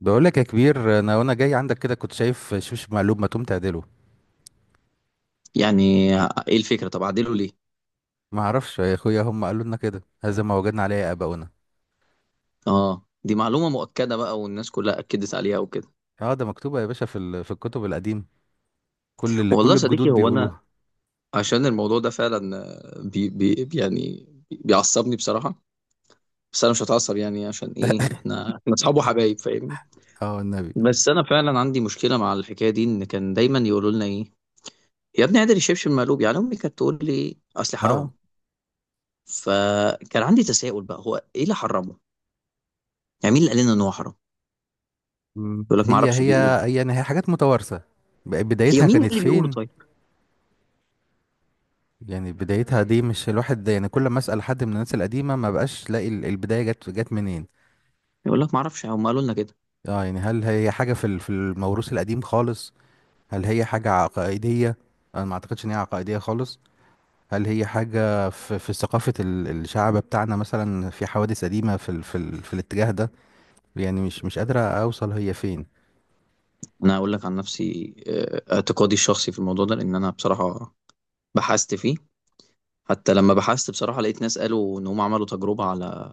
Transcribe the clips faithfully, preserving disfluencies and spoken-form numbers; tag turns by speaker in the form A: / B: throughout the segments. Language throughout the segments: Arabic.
A: بقول لك يا كبير، انا وانا جاي عندك كده كنت شايف شوش مقلوب. ما تقوم تعدله.
B: يعني، ايه الفكرة؟ طب اعدله ليه؟
A: ما اعرفش يا اخويا، هم قالوا لنا كده. هذا ما وجدنا عليه اباؤنا.
B: اه، دي معلومة مؤكدة بقى، والناس كلها اكدت عليها وكده.
A: اه، ده مكتوبه يا باشا في ال- في الكتب القديمه. كل اللي
B: والله
A: كل
B: يا صديقي،
A: الجدود
B: هو انا
A: بيقولوها.
B: عشان الموضوع ده فعلا آه، بي بي يعني بيعصبني بصراحة. بس انا مش هتعصب، يعني عشان ايه؟ احنا احنا اصحاب وحبايب، فاهمني.
A: اه النبي.
B: بس انا فعلا عندي مشكلة مع الحكاية دي. ان كان دايما يقولوا لنا ايه، يا ابني قادر الشبشب مقلوب، يعني امي كانت تقول لي اصل حرام.
A: اه.
B: فكان عندي تساؤل بقى، هو ايه اللي حرمه؟ يعني مين اللي قال لنا ان هو حرام؟
A: مم.
B: يقول لك ما
A: هي
B: اعرفش،
A: هي
B: بيقولوا.
A: هي يعني هي حاجات متوارثه. ب-
B: هي
A: بدايتها
B: مين
A: كانت
B: اللي بيقولوا؟
A: فين؟
B: طيب.
A: يعني بدايتها دي، مش الواحد ده، يعني كل ما اسال حد من الناس القديمه ما بقاش لاقي ال- البدايه جت جت منين.
B: يقول لك ما اعرفش، هم قالوا لنا كده.
A: اه، يعني هل هي حاجه في ال- في الموروث القديم خالص؟ هل هي حاجه عقائديه؟ انا ما اعتقدش ان هي عقائديه خالص. هل هي حاجة في, في ثقافة ال- الشعب بتاعنا، مثلا في حوادث قديمة في ال في, ال في الاتجاه ده؟ يعني مش مش قادرة أوصل هي فين.
B: انا اقول لك عن نفسي، آه، اعتقادي الشخصي في الموضوع ده، لان انا بصراحه بحثت فيه. حتى لما بحثت بصراحه، لقيت ناس قالوا ان هم عملوا تجربه على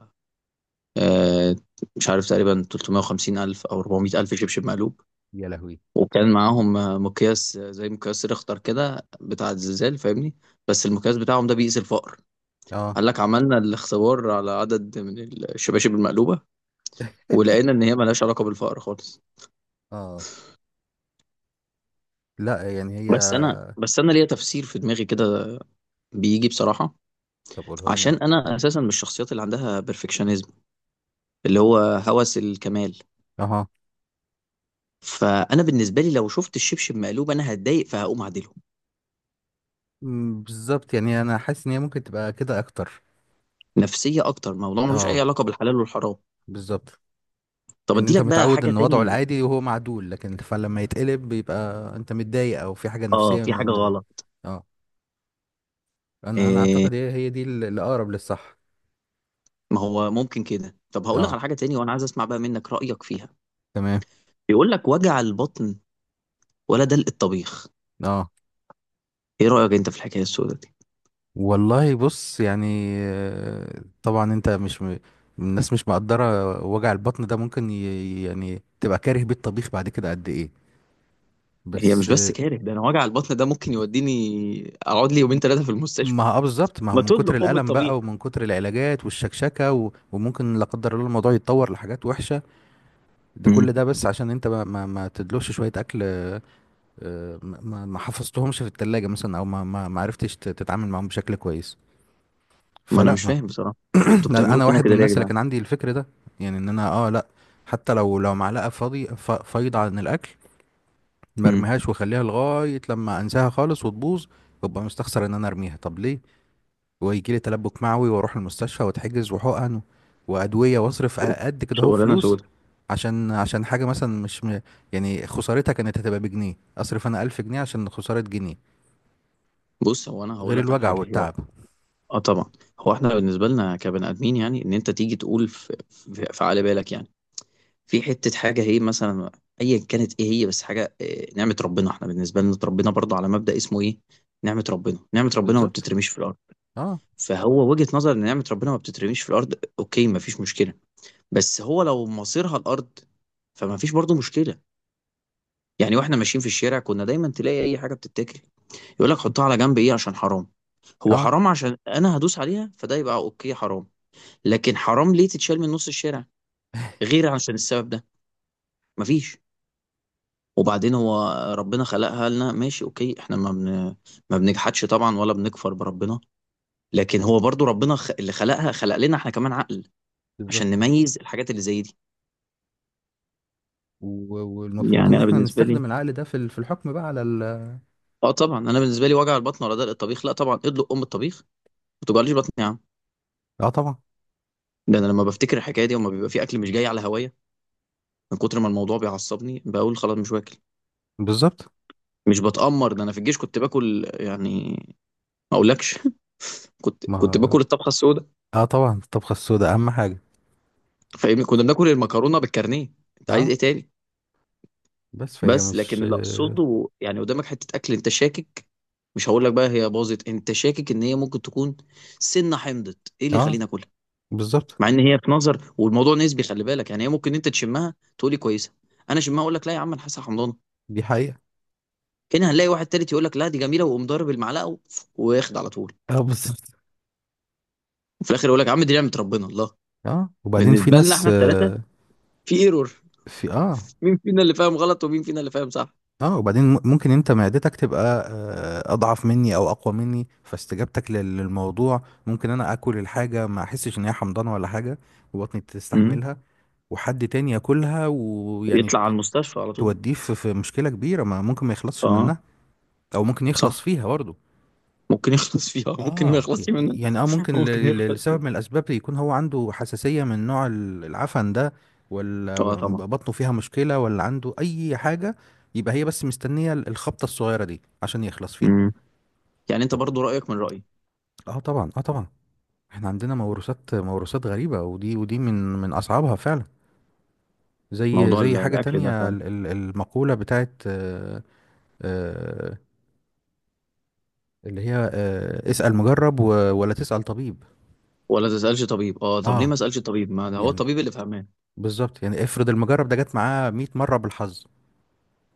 B: آه، مش عارف، تقريبا ثلاثمائة وخمسين الف او اربع مية الف شبشب مقلوب.
A: يا لهوي.
B: وكان معاهم آه، مقياس آه، زي مقياس ريختر كده بتاع الزلزال، فاهمني. بس المقياس بتاعهم ده بيقيس الفقر.
A: اه،
B: قال لك عملنا الاختبار على عدد من الشباشب المقلوبه، ولقينا ان هي ملهاش علاقه بالفقر خالص.
A: اه، لا يعني هي.
B: بس انا بس انا ليا تفسير في دماغي كده، بيجي بصراحه.
A: طب قولها لنا
B: عشان
A: بقى.
B: انا اساسا من الشخصيات اللي عندها بيرفكشنزم، اللي هو هوس الكمال.
A: اها.
B: فانا بالنسبه لي لو شفت الشبشب مقلوب، انا هتضايق فهقوم اعدله.
A: مم، بالظبط، يعني أنا حاسس إن هي ممكن تبقى كده أكتر.
B: نفسيه اكتر، موضوع ملوش اي
A: اه،
B: علاقه بالحلال والحرام.
A: بالظبط.
B: طب
A: إن
B: ادي
A: أنت
B: لك بقى
A: متعود
B: حاجه
A: إن وضعه
B: تاني.
A: العادي وهو معدول، لكن فلما يتقلب بيبقى أنت متضايق أو في حاجة
B: اه،
A: نفسية
B: في
A: من
B: حاجه
A: من-
B: غلط.
A: اه. أنا أنا
B: إيه،
A: أعتقد هي هي دي اللي أقرب للصح.
B: ما هو ممكن كده. طب هقول لك
A: اه،
B: على حاجه تاني، وانا عايز اسمع بقى منك رايك فيها.
A: تمام.
B: بيقول لك وجع البطن ولا دلق الطبيخ؟
A: اه،
B: ايه رايك انت في الحكايه السوداء دي؟
A: والله بص، يعني آه، طبعا انت مش م... الناس مش مقدرة وجع البطن ده، ممكن ي... يعني تبقى كاره بيه الطبيخ بعد كده قد ايه.
B: هي مش
A: بس
B: بس
A: آه،
B: كاره ده، انا وجع البطن ده ممكن يوديني اقعد لي يومين ثلاثه في المستشفى.
A: ما هو آه بالظبط، ما هو
B: ما
A: من كتر
B: تدلق ام
A: الألم
B: الطبيخ.
A: بقى، ومن كتر العلاجات والشكشكة، و... وممكن لا قدر الله الموضوع يتطور لحاجات وحشة. ده كل ده بس عشان انت ما ما, ما تدلوش شوية أكل آه، آه، ما... ما ما حفظتهمش في التلاجة مثلا، أو ما ما ما عرفتش ت- تتعامل معاهم بشكل كويس.
B: ما أنا مش
A: فلا.
B: فاهم بصراحة. طب أنتوا
A: لان
B: بتعملوا
A: انا
B: فينا
A: واحد من
B: كده ليه يا
A: الناس اللي
B: جدعان؟
A: كان عندي الفكر ده. يعني ان انا اه لا. حتى لو لو معلقه فاضي، ف- فايضه عن الاكل، ما
B: إمم.
A: ارميهاش واخليها لغايه لما انساها خالص وتبوظ. وابقى مستخسر ان انا ارميها. طب ليه؟ ويجي لي تلبك معوي واروح المستشفى واتحجز، وحقن وادويه واصرف قد كده اهو
B: شغلانة
A: فلوس.
B: سودا.
A: عشان عشان حاجه مثلا مش م... يعني خسارتها كانت هتبقى بجنيه. اصرف انا الف جنيه عشان خساره جنيه،
B: بُص، هو أنا هاقول
A: غير
B: لك على
A: الوجع
B: حاجة، هي
A: والتعب.
B: آه طبعًا. هو إحنا بالنسبة لنا كبني آدمين، يعني إن أنت تيجي تقول ف ف في على بالك، يعني، في حتّة حاجة هي مثلًا أيًا كانت إيه هي، بس حاجة آآ نعمة ربنا. إحنا بالنسبة لنا اتربينا برضه على مبدأ اسمه إيه، نعمة ربنا. نعمة ربنا ما
A: بالظبط.
B: بتترميش في الأرض.
A: اه،
B: فهو وجهة نظر إن نعمة ربنا ما بتترميش في الأرض، أوكي، ما فيش مشكلة. بس هو لو مصيرها الأرض، فما فيش برضه مشكلة. يعني واحنا ماشيين في الشارع كنا دايما تلاقي اي حاجه بتتاكل، يقول لك حطها على جنب، ايه عشان حرام؟ هو
A: اه،
B: حرام عشان انا هدوس عليها؟ فده يبقى اوكي حرام. لكن حرام ليه تتشال من نص الشارع غير عشان السبب ده؟ مفيش. وبعدين هو ربنا خلقها لنا ماشي، اوكي، احنا ما بن... ما بنجحدش طبعا ولا بنكفر بربنا. لكن هو برضو ربنا خ... اللي خلقها خلق لنا احنا كمان عقل، عشان
A: بالظبط.
B: نميز الحاجات اللي زي دي.
A: و- والمفروض
B: يعني
A: ان
B: انا
A: احنا
B: بالنسبه لي،
A: نستخدم العقل ده في ال- في الحكم بقى على ال.
B: اه طبعا، انا بالنسبه لي وجع البطن ولا دلق الطبيخ؟ لا طبعا ادلق ام الطبيخ. ما توجعليش بطني يا عم.
A: اه طبعا.
B: ده انا لما بفتكر الحكايه دي وما بيبقى في اكل مش جاي على هوايه، من كتر ما الموضوع بيعصبني بقول خلاص مش واكل.
A: بالظبط.
B: مش بتأمر، ده انا في الجيش كنت باكل يعني، ما اقولكش كنت
A: ما
B: كنت
A: هو-
B: باكل الطبخه السوداء.
A: اه طبعا، الطبخة السوداء اهم حاجة.
B: فاهمني، كنا بناكل المكرونه بالكارنيه، انت عايز
A: اه،
B: ايه تاني؟
A: بس فهي
B: بس لكن
A: مش
B: اللي
A: اه.
B: اقصده يعني قدامك حته اكل انت شاكك، مش هقول لك بقى هي باظت، انت شاكك ان هي ممكن تكون سنه حمضت، ايه اللي
A: آه،
B: يخليني اكلها؟
A: بالظبط.
B: مع ان هي في نظر والموضوع نسبي خلي بالك، يعني هي ممكن انت تشمها تقولي كويسه، انا شمها اقول لك لا يا عم انا حاسه حمضان.
A: دي حقيقة.
B: هنا هنلاقي واحد تالت يقول لك لا دي جميله، ويقوم ضارب المعلقه و- وياخد على طول.
A: اه، بالظبط.
B: وفي الاخر يقول لك يا عم دي نعمه ربنا، الله.
A: اه، وبعدين في
B: بالنسبه لنا
A: ناس
B: احنا الثلاثه،
A: آه.
B: في ايرور.
A: في اه.
B: مين فينا اللي فاهم غلط ومين فينا اللي فاهم صح؟
A: اه، وبعدين م- ممكن انت معدتك تبقى آه اضعف مني او اقوى مني. فاستجابتك لل- للموضوع، ممكن انا اكل الحاجة ما احسش ان هي حمضانة ولا حاجة وبطني
B: امم
A: تستحملها، وحد تاني ياكلها ويعني
B: يطلع على المستشفى على طول.
A: توديه في في مشكلة كبيرة ما ممكن ما يخلصش
B: اه
A: منها. او ممكن يخلص
B: صح،
A: فيها برضه.
B: ممكن يخلص فيها ممكن ما
A: اه،
B: يخلصش منها.
A: يعني، اه ممكن
B: ممكن
A: ل- ل-
B: يخلص.
A: لسبب من الاسباب يكون هو عنده حساسية من نوع ال- العفن ده. ولا
B: اه طبعا.
A: بطنه فيها مشكلة، ولا عنده اي حاجة. يبقى هي بس مستنية ال- الخبطة الصغيرة دي عشان يخلص فيها.
B: امم يعني انت
A: طب.
B: برضو رايك من رايي.
A: اه طبعا، اه طبعا. احنا عندنا موروثات، موروثات غريبة، ودي ودي من من اصعبها فعلا. زي
B: موضوع ال-
A: زي حاجة
B: الاكل ده
A: تانية
B: فعلا.
A: ال- ال- المقولة بتاعت، اللي هي آه، اسأل مجرب، و... ولا تسأل طبيب.
B: ولا تسالش طبيب. اه طب ليه ما
A: اه
B: اسالش طبيب؟ ما ده هو
A: يعني.
B: الطبيب اللي فهمان.
A: بالظبط، يعني افرض المجرب ده جت معاه مية مرة بالحظ،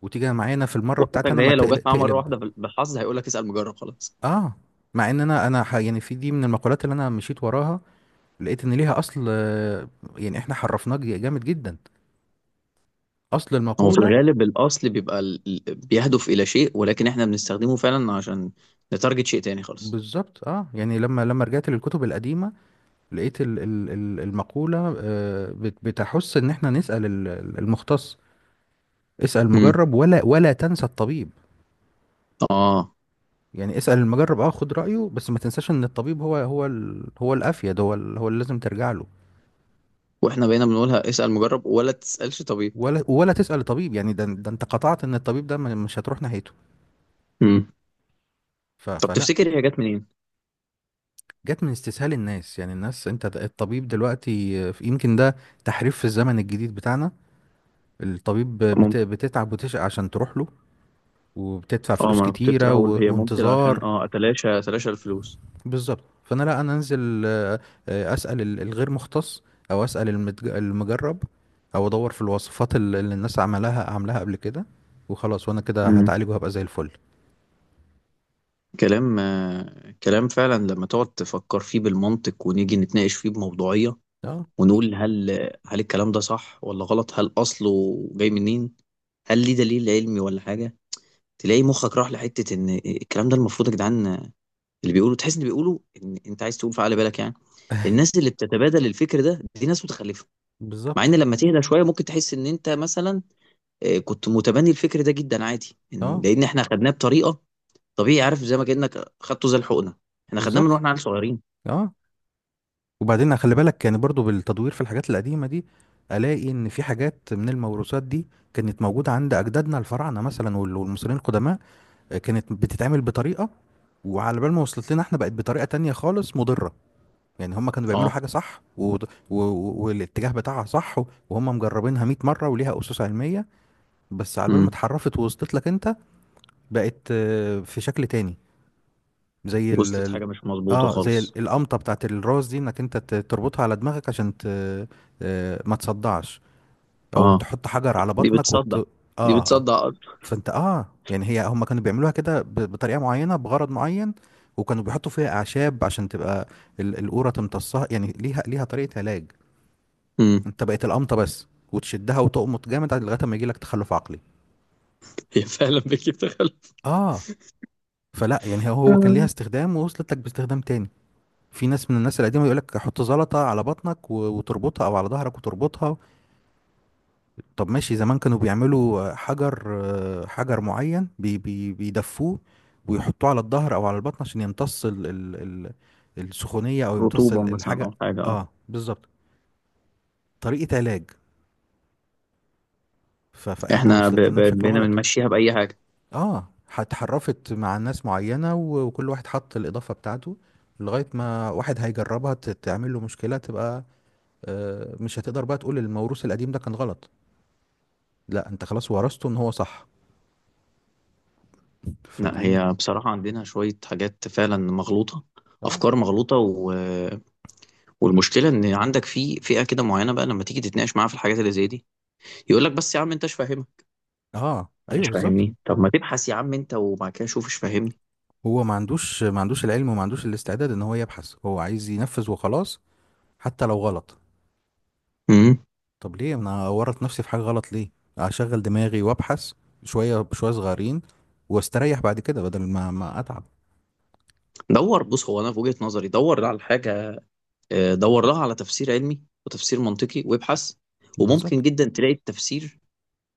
A: وتيجي معانا في المرة بتاعتي
B: وحضرتك
A: انا،
B: ده
A: ما
B: هي لو جت
A: تقلب
B: معاه مره
A: تقلب.
B: واحده بال- بالحظ، هيقول لك اسال مجرب خلاص.
A: اه. مع ان انا انا ح... يعني في دي من المقولات اللي انا مشيت وراها، لقيت ان ليها اصل آه، يعني احنا حرفناه ج- جامد جدا، اصل
B: هو في
A: المقولة.
B: الغالب الأصل بيبقى ال... ال- بيهدف إلى شيء، ولكن إحنا بنستخدمه فعلا عشان نتارجت شيء تاني خالص.
A: بالظبط، اه يعني لما لما رجعت للكتب القديمة، لقيت ال... ال... ال- المقولة آه، بت... بتحث ان احنا نسأل ال- المختص. اسأل
B: امم
A: مجرب ولا ولا تنسى الطبيب.
B: آه
A: يعني اسأل المجرب، اه خد رأيه، بس ما تنساش ان الطبيب هو هو ال... هو الافيد، هو ال... هو اللي لازم ترجع له.
B: وإحنا بقينا بنقولها اسأل مجرب ولا تسألش طبيب.
A: ولا ولا تسأل الطبيب، يعني ده ده انت قطعت ان الطبيب ده م- مش هتروح ناحيته.
B: امم
A: ف...
B: طب
A: فلا.
B: تفتكر هي جت منين؟
A: جت من استسهال الناس، يعني الناس انت د- الطبيب دلوقتي آه، يمكن ده تحريف في الزمن الجديد بتاعنا. الطبيب بت...
B: ممكن،
A: بتتعب وتشقى عشان تروح له، وبتدفع
B: اه
A: فلوس
B: ما انا كنت لسه
A: كتيرة
B: هقول
A: و...
B: هي ممكن عشان
A: وانتظار.
B: اه اتلاشى اتلاشى الفلوس.
A: بالظبط. فانا، لا، انا انزل آه، آه، اسال ال- الغير مختص، او اسال المتج- المجرب، او ادور في الوصفات ال- اللي الناس عملها عاملاها قبل كده، وخلاص وانا كده
B: امم
A: هتعالج وهبقى زي الفل.
B: كلام آه، كلام فعلا لما تقعد تفكر فيه بالمنطق ونيجي نتناقش فيه بموضوعية،
A: اه
B: ونقول هل هل الكلام ده صح ولا غلط؟ هل اصله جاي منين؟ هل ليه دليل علمي ولا حاجة؟ تلاقي مخك راح لحته ان الكلام ده المفروض يا جدعان، اللي بيقولوا تحس ان بيقولوا ان انت عايز تقول في عقل بالك، يعني الناس اللي بتتبادل الفكر ده دي ناس متخلفه. مع ان
A: بالظبط.
B: لما تهدى شويه ممكن تحس ان انت مثلا آه، كنت متبني الفكر ده جدا عادي. إن-
A: اه
B: لان احنا خدناه بطريقه طبيعي، عارف زي ما كانك خدته زي الحقنه، احنا خدناه من
A: بالظبط.
B: واحنا عيال صغيرين.
A: اه، وبعدين خلي بالك يعني برضو بالتدوير في الحاجات القديمه دي، الاقي ان في حاجات من الموروثات دي كانت موجوده عند اجدادنا الفراعنه مثلا وال- والمصريين القدماء. آه، كانت بتتعمل بطريقه، وعلى بال ما وصلت لنا احنا بقت بطريقه تانية خالص مضره. يعني هم كانوا بيعملوا
B: اه،
A: حاجة صح، و... و... و- والاتجاه بتاعها صح، وهم مجربينها مية مرة وليها أسس علمية. بس على بال ما
B: امم
A: اتحرفت ووصلت لك انت، بقت آه، في شكل تاني. زي ال...
B: وصلت
A: ال-
B: حاجه مش مظبوطه
A: اه، زي
B: خالص.
A: ال- القمطة بتاعت الراس دي، انك انت ت- تربطها على دماغك عشان ت... آه، ما تصدعش، او
B: اه،
A: تحط حجر على
B: دي
A: بطنك وت...
B: بتصدع. دي
A: اه. آه.
B: بتصدع اكتر.
A: فانت اه يعني هي هم كانوا بيعملوها كده ب... بطريقة معينة، بغرض معين، وكانوا بيحطوا فيها أعشاب عشان تبقى ال- القورة تمتصها. يعني ليها، ليها طريقة علاج.
B: امم
A: انت بقيت القمطه بس، وتشدها وتقمط جامد لغايه ما يجي لك تخلف عقلي.
B: هي فعلا بتجيب تخلف.
A: اه. فلا يعني هو هو كان ليها استخدام، ووصلت لك باستخدام تاني. في ناس من الناس القديمه يقول لك حط زلطه على بطنك و- وتربطها، او على ظهرك وتربطها. طب ماشي، زمان كانوا بيعملوا آه، حجر، آه، حجر معين، بي بي بيدفوه ويحطوه على الظهر او على البطن عشان يمتص ال ال ال السخونيه، او يمتص
B: رطوبه
A: ال-
B: مثلا او
A: الحاجه.
B: حاجه اه
A: اه، بالظبط. طريقه علاج. ف- فاحنا
B: احنا ب-
A: وصلت لنا
B: ب-
A: بشكل
B: بقينا
A: غلط.
B: بنمشيها بأي حاجة.
A: اه. اتحرفت مع ناس معينة، و- وكل واحد حط الإضافة بتاعته لغاية ما واحد هيجربها ت- تعمل له مشكلة. تبقى آه، مش هتقدر بقى تقول الموروث القديم ده كان غلط، لا، انت خلاص ورثته ان هو صح.
B: لا،
A: فدي م-
B: هي بصراحة عندنا شوية حاجات فعلا مغلوطة،
A: اه.
B: أفكار مغلوطة و... والمشكلة إن عندك في فئة كده معينة بقى لما تيجي تتناقش معاها في الحاجات اللي زي دي، يقول لك بس يا عم أنت مش فاهمها.
A: اه
B: أنا
A: ايوه،
B: مش
A: بالظبط.
B: فاهمني؟ طب ما تبحث يا عم أنت وبعد كده شوف، مش فاهمني؟
A: هو ما عندوش ما عندوش العلم، وما عندوش الاستعداد ان هو يبحث، هو عايز ينفذ وخلاص، حتى لو غلط.
B: امم
A: طب ليه انا اورط نفسي في حاجة غلط؟ ليه؟ اشغل دماغي وابحث شوية بشوية صغيرين، واستريح بعد كده بدل ما ما اتعب.
B: دور. بص هو أنا في وجهة نظري دور على الحاجة، آه، دور لها على تفسير علمي وتفسير منطقي وابحث. وممكن
A: بالظبط.
B: جدا تلاقي التفسير،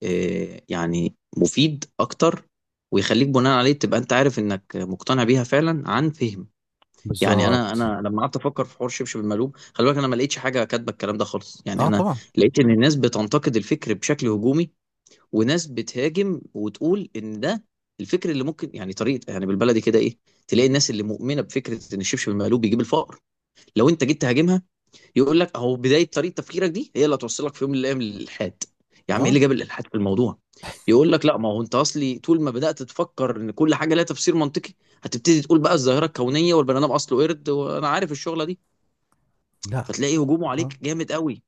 B: آه، يعني مفيد اكتر، ويخليك بناء عليه تبقى انت عارف انك مقتنع بيها فعلا عن فهم. يعني انا
A: بالظبط.
B: انا لما قعدت افكر في حوار شبشب المقلوب، خلي بالك انا ما لقيتش حاجه كاتبه الكلام ده خالص، يعني
A: اه
B: انا
A: طبعا.
B: لقيت ان الناس بتنتقد الفكر بشكل هجومي، وناس بتهاجم وتقول ان ده الفكر اللي ممكن يعني طريقه، يعني بالبلدي كده ايه، تلاقي الناس اللي مؤمنه بفكره ان الشبشب المقلوب بيجيب الفقر، لو انت جيت تهاجمها يقول لك اهو بدايه طريقه تفكيرك دي هي اللي هتوصلك في يوم من الايام للالحاد. يا عم ايه اللي
A: اه
B: جاب الالحاد في الموضوع؟ يقول لك لا ما هو انت اصلي طول ما بدات تفكر ان كل حاجه لها تفسير منطقي، هتبتدي تقول بقى الظاهره الكونيه والبني ادم اصله قرد، وانا عارف الشغله دي.
A: لا.
B: فتلاقي هجومه
A: اه.
B: عليك جامد قوي.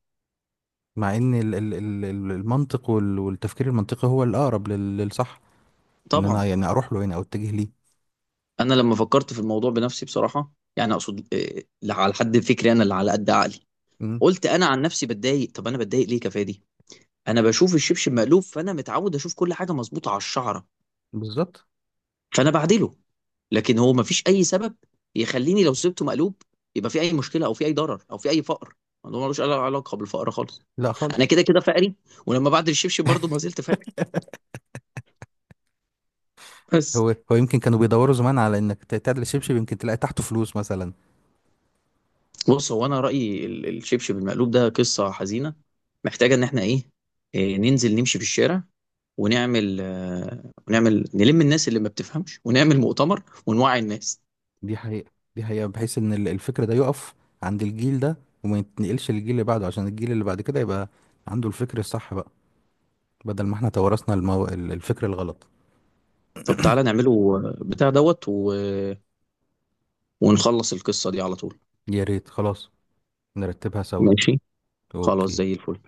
A: مع ان ال- ال- ال- ال- المنطق وال- والتفكير المنطقي هو الاقرب لل- للصح، ان انا
B: طبعا
A: يعني اروح له يعني او اتجه ليه.
B: انا لما فكرت في الموضوع بنفسي بصراحه، يعني اقصد آه، لا على حد فكري انا اللي على قد عقلي،
A: مم،
B: قلت انا عن نفسي بتضايق، طب انا بتضايق ليه؟ كفايه دي. انا بشوف الشبشب مقلوب فانا متعود اشوف كل حاجه مظبوطه على الشعره،
A: بالظبط.
B: فانا بعدله. لكن هو مفيش اي سبب يخليني لو سبته مقلوب يبقى في اي مشكله او في اي ضرر او في اي فقر. الموضوع ملوش أي علاقه بالفقر خالص.
A: لا
B: انا
A: خالص.
B: كده كده فقري، ولما بعد الشبشب برضه ما زلت فقري، بس.
A: هو هو يمكن كانوا بيدوروا زمان على انك ت- تعدل الشبشب يمكن تلاقي تحته فلوس مثلا.
B: بص هو انا رايي ال- الشبشب المقلوب ده قصه حزينه، محتاجه ان احنا ايه، إيه، ننزل نمشي في الشارع ونعمل آه، ونعمل نلم الناس اللي ما بتفهمش ونعمل مؤتمر ونوعي الناس.
A: دي حقيقة. دي حقيقة. بحيث ان ال- الفكر ده يقف عند الجيل ده وما يتنقلش للجيل اللي بعده، عشان الجيل اللي بعد كده يبقى عنده الفكر الصح بقى، بدل ما احنا تورثنا المو... ال- الفكر الغلط.
B: طب تعالى نعمله آه، بتاع دوت و... ونخلص القصة دي على طول.
A: يا ريت، خلاص، نرتبها سوا.
B: ماشي. خلاص زي
A: اوكي.
B: الفل.